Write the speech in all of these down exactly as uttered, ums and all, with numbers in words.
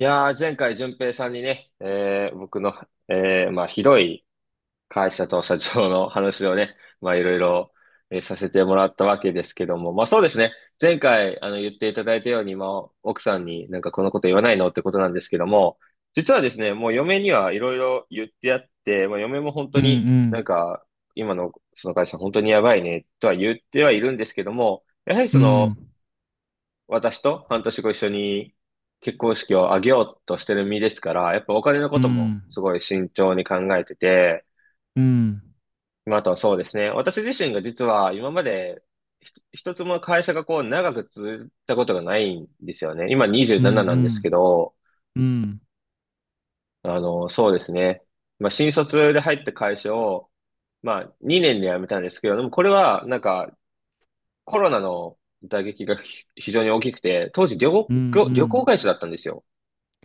いやー、前回、淳平さんにね、えー僕の、えーまあ、ひどい会社と社長の話をね、まあ、いろいろ、えーさせてもらったわけですけども、まあ、そうですね。前回、あの、言っていただいたように、まあ、奥さんになんかこのこと言わないのってことなんですけども、実はですね、もう嫁にはいろいろ言ってやって、まあ、嫁も本当うになんんか、今のその会社本当にやばいね、とは言ってはいるんですけども、やはりうそん。うの、ん。私と半年後一緒に結婚式を挙げようとしてる身ですから、やっぱお金のこうともん。すごい慎重に考えてて、うん。まああとはそうですね。私自身が実は今までひと一つも会社がこう長く続いたことがないんですよね。今27うなななんですけん。ど、うん。あの、そうですね。まあ新卒で入った会社を、まあにねんで辞めたんですけど、でもこれはなんかコロナの打撃が非非常に大きくて、当時旅行、う旅旅行ん。会社だったんですよ。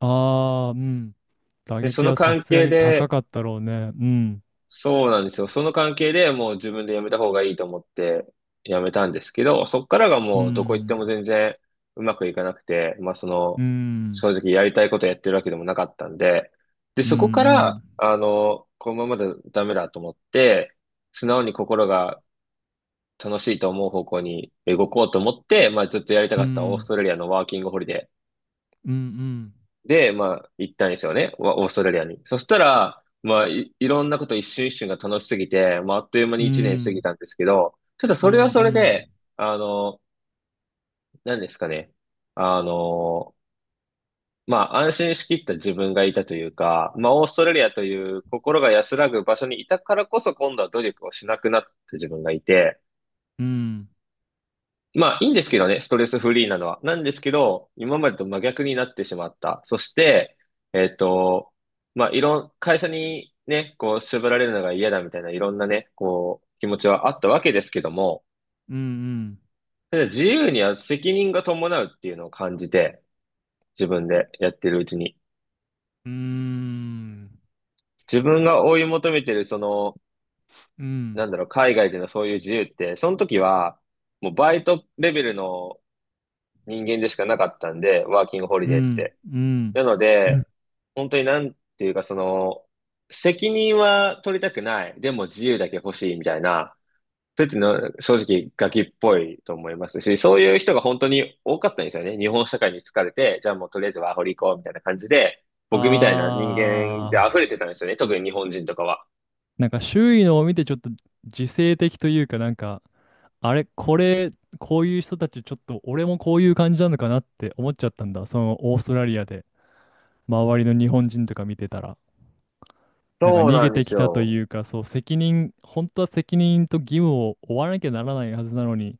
ああー、うん。打で、そ撃のはさ関すが係に高で、かったろうね。うん。そうなんですよ。その関係でもう自分で辞めた方がいいと思って辞めたんですけど、そっからがうもうどこ行ってもん。全然うまくいかなくて、まあその、うん。正直やりたいことやってるわけでもなかったんで、で、うん。うそこから、ん。あの、このままだとダメだと思って、素直に心が楽しいと思う方向に動こうと思って、まあずっとやりたうかったオーん。ストラリアのワーキングホリデーうん。で、まあ、行ったんですよね。わオーストラリアに。そしたら、まあ、い、いろんなこと一瞬一瞬が楽しすぎて、まあ、あっという間うん。にう一年過ぎん。たんですけど、ちょっとうそれはそれん。で、あの、何ですかね。あの、まあ、安心しきった自分がいたというか、まあ、オーストラリアという心が安らぐ場所にいたからこそ今度は努力をしなくなった自分がいて、うん。まあ、いいんですけどね、ストレスフリーなのは。なんですけど、今までと真逆になってしまった。そして、えっと、まあ、いろん、会社にね、こう、縛られるのが嫌だみたいな、いろんなね、こう、気持ちはあったわけですけども、うん。ただ自由には責任が伴うっていうのを感じて、自分でやってるうちに。自分が追い求めてる、その、なんだろう、海外でのそういう自由って、その時は、もうバイトレベルの人間でしかなかったんで、ワーキングホリうデーっん。て。うん。なので、本当になんていうか、その、責任は取りたくない。でも自由だけ欲しいみたいな、そういうの正直ガキっぽいと思いますし、そういう人が本当に多かったんですよね。日本社会に疲れて、じゃあもうとりあえずワーホリ行こうみたいな感じで、僕みたいな人間であ溢れてあ。たんですよね。特に日本人とかは。なんか周囲のを見てちょっと自制的というか、なんかあれ、これ、こういう人たち、ちょっと俺もこういう感じなのかなって思っちゃったんだ。そのオーストラリアで、周りの日本人とか見てたら。なんかそう逃なげんでてすきたとよ。いうか、そう、責任、本当は責任と義務を負わなきゃならないはずなのに、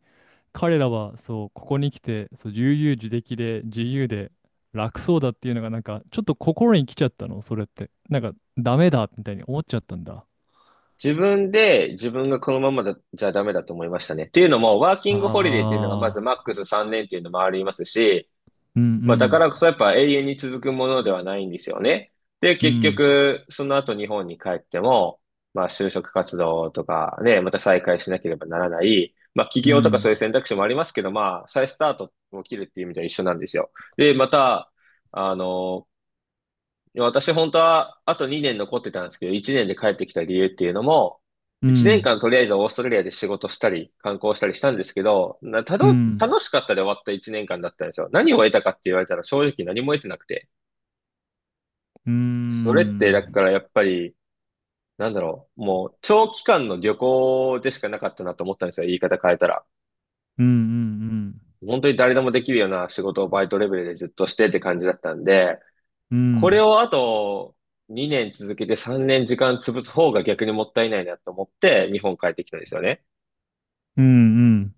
彼らは、そう、ここに来て、そう、悠々自適で、自由で、楽そうだっていうのが、なんか、ちょっと心に来ちゃったの、それって。なんか、ダメだ、みたいに思っちゃったんだ。自分で自分がこのままだ、じゃダメだと思いましたね。っていうのも、ワーキあングホリデーっていうのがまずマッあ、クスさんねんっていうのもありますし、うんうまあ、だかん、らこそやっぱ永遠に続くものではないんですよね。で、う結ん、局、その後日本に帰っても、まあ、就職活動とかね、また再開しなければならない。まあ、起う業とかそういうん、選択肢もありますけど、まあ、再スタートを切るっていう意味では一緒なんですよ。で、また、あの、いや私本当はあとにねん残ってたんですけど、いちねんで帰ってきた理由っていうのも、う1年ん、間とりあえずオーストラリアで仕事したり、観光したりしたんですけど、なたうど、ん。楽しかったで終わったいちねんかんだったんですよ。何を得たかって言われたら正直何も得てなくて。うーそれってだかん。らやっぱり、なんだろう、もう長期間の旅行でしかなかったなと思ったんですよ。言い方変えたら。うんうん本当に誰でもできるような仕事をバイトレベルでずっとしてって感じだったんで、うん。うこれんをあとにねん続けてさんねん時間潰す方が逆にもったいないなと思って日本帰ってきたんですよね。うんうん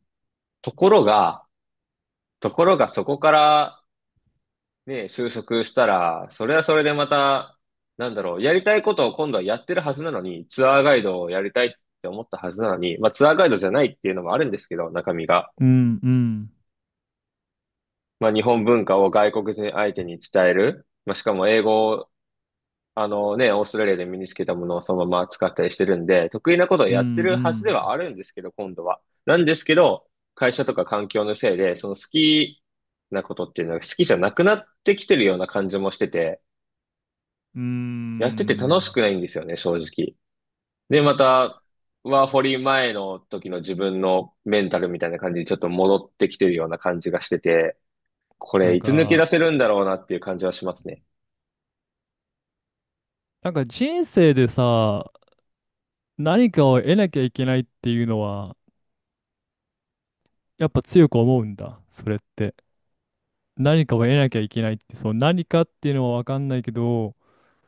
ところが、ところがそこからね、就職したら、それはそれでまた、なんだろう、やりたいことを今度はやってるはずなのに、ツアーガイドをやりたいって思ったはずなのに、まあツアーガイドじゃないっていうのもあるんですけど、中身が。うんうんまあ日本文化を外国人相手に伝える。まあしかも英語あのね、オーストラリアで身につけたものをそのまま使ったりしてるんで、得意なことをうやってるはずではんあるんですけど、今度は。なんですけど、会社とか環境のせいで、その好きなことっていうのが好きじゃなくなってきてるような感じもしてて、うん。うーやってて楽しくん、ないんですよね、正直。で、また、ワーホリ前の時の自分のメンタルみたいな感じにちょっと戻ってきてるような感じがしてて、こなれんいつ抜けか、出せるんだろうなっていう感じはしますね。なんか人生でさ、何かを得なきゃいけないっていうのは、やっぱ強く思うんだ、それって。何かを得なきゃいけないって、その何かっていうのはわかんないけど、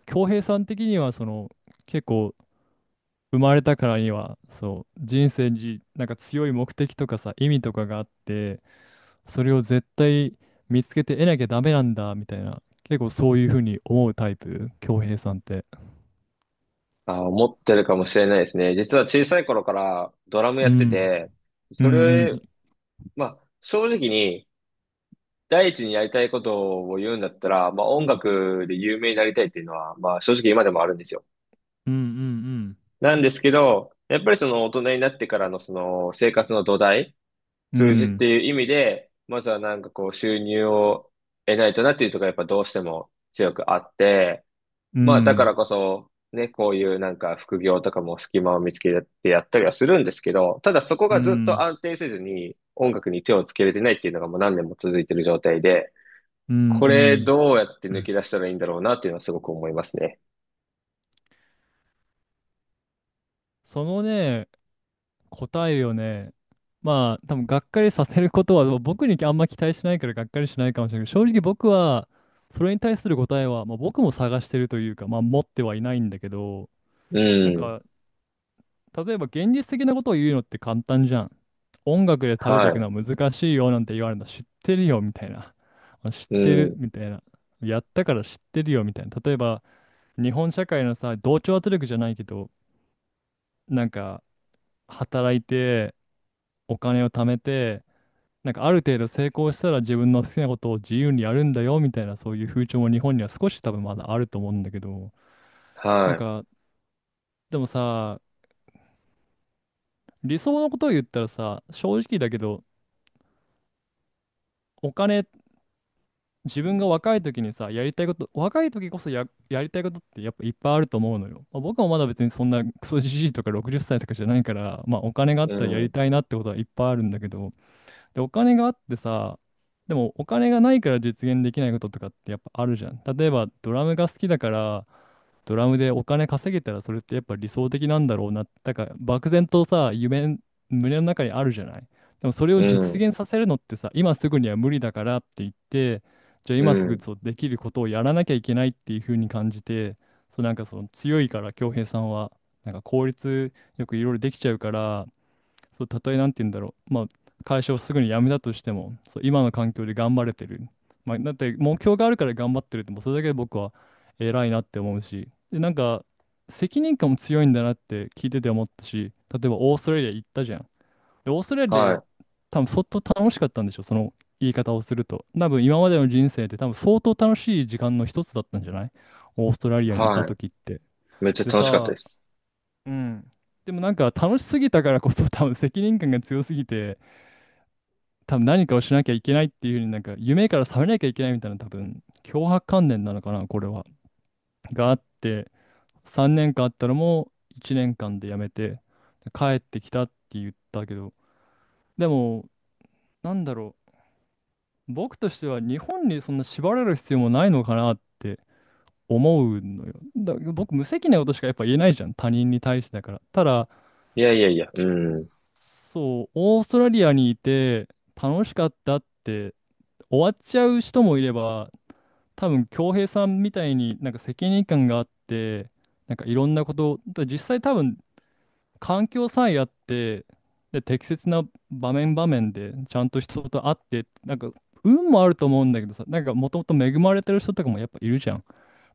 恭平さん的には、その、結構、生まれたからには、そう、人生になんか強い目的とかさ、意味とかがあって、それを絶対見つけて得なきゃダメなんだみたいな、結構そういうふうに思うタイプ、恭平さんって。あ、思ってるかもしれないですね。実は小さい頃からドラムやうってん。て、うそんうれ、ん、まあ、正直に第一にやりたいことを言うんだったら、まあ、音楽で有名になりたいっていうのは、まあ、正直今でもあるんですよ。うんうんなんですけど、やっぱりその大人になってからのその生活の土台、うん、う数字ってん。いう意味で、まずはなんかこう収入を得ないとなっていうところがやっぱどうしても強くあって、うまあ、だからん。こそ、ね、こういうなんか副業とかも隙間を見つけてやったりはするんですけど、ただそこうがずっとん安定せずに音楽に手をつけれてないっていうのがもう何年も続いてる状態で、うんうこれん、どうやって抜け出したらいいんだろうなっていうのはすごく思いますね。そのね、答えをね、まあ、多分がっかりさせることは僕にあんま期待しないからがっかりしないかもしれないけど、正直僕は、それに対する答えは、まあ、僕も探してるというか、まあ、持ってはいないんだけど、うなんん。か、例えば現実的なことを言うのって簡単じゃん。音楽で食べてはいくい。のは難しいよなんて言われるの知ってるよみたいな。あ、知っうてるん。みたいな。やったから知ってるよみたいな。例えば日本社会のさ、同調圧力じゃないけど、なんか働いてお金を貯めて、なんかある程度成功したら自分の好きなことを自由にやるんだよみたいな、そういう風潮も日本には少し多分まだあると思うんだけど、なんはかでもさ、理想のことを言ったらさ、正直だけど、お金、自分が若い時にさ、やりたいこと、若い時こそや、やりたいことってやっぱいっぱいあると思うのよ。まあ、僕もまだ別にそんなクソじじいとかろくじゅっさいとかじゃないから、まあお金があっい。うたらやりん。たいなってことはいっぱいあるんだけど、で、お金があってさ、でもお金がないから実現できないこととかってやっぱあるじゃん。例えばドラムが好きだから、ドラムでお金稼げたらそれってやっぱ理想的なんだろうな。だから漠然とさ、夢、胸の中にあるじゃない。でもそれをう実ん。現させるのってさ、今すぐには無理だからって言って、じゃあう今すぐん。そうできることをやらなきゃいけないっていう風に感じて、そうなんか、その強いから恭平さんは、なんか効率よくいろいろできちゃうから、そう、たとえなんて言うんだろう、まあ、会社をすぐに辞めたとしても、そう、今の環境で頑張れてる。まあ、だって目標があるから頑張ってるって、もうそれだけで僕は偉いなって思うし、で、なんか、責任感も強いんだなって聞いてて思ったし、例えばオーストラリア行ったじゃん。で、オーストラリアでは多分相当楽しかったんでしょ、その言い方をすると。多分今までの人生で多分相当楽しい時間の一つだったんじゃない、オーストい。ラリアにいたは時っい。て。めっちゃで楽しかったさ、です。うん。でもなんか楽しすぎたからこそ多分責任感が強すぎて、多分何かをしなきゃいけないっていうふうに、なんか夢から覚めなきゃいけないみたいな、多分強迫観念なのかな、これは。があって、さんねんかんあったのもいちねんかんで辞めて帰ってきたって言ったけど、でもなんだろう、僕としては日本にそんな縛られる必要もないのかなって思うのよ。だ、僕無責任なことしかやっぱ言えないじゃん、他人に対してだから。ただいやいやいや。うん。そう、オーストラリアにいて楽しかったって終わっちゃう人もいれば、多分恭平さんみたいになんか責任感があって、なんかいろんなことだ、実際多分環境さえあって、で適切な場面場面でちゃんと人と会って、なんか運もあると思うんだけどさ、なんかもともと恵まれてる人とかもやっぱいるじゃん。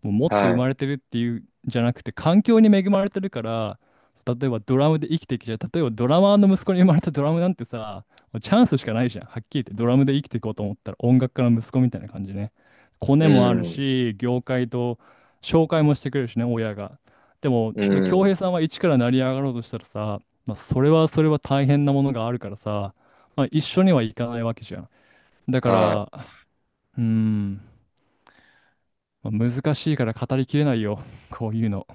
もう持って生はい。まれてるっていうんじゃなくて環境に恵まれてるから、例えばドラムで生きてきちゃう、例えばドラマーの息子に生まれたドラムなんてさ、もうチャンスしかないじゃん、はっきり言って。ドラムで生きていこうと思ったら音楽家の息子みたいな感じね。コネうもあるん。し、業界と紹介もしてくれるしね、親が。でもうだ、恭ん。平さんは一から成り上がろうとしたらさ、まあ、それはそれは大変なものがあるからさ、まあ、一緒にはいかないわけじゃん。だかはらい。うーん、まあ難しいから語りきれないよ、こういうの。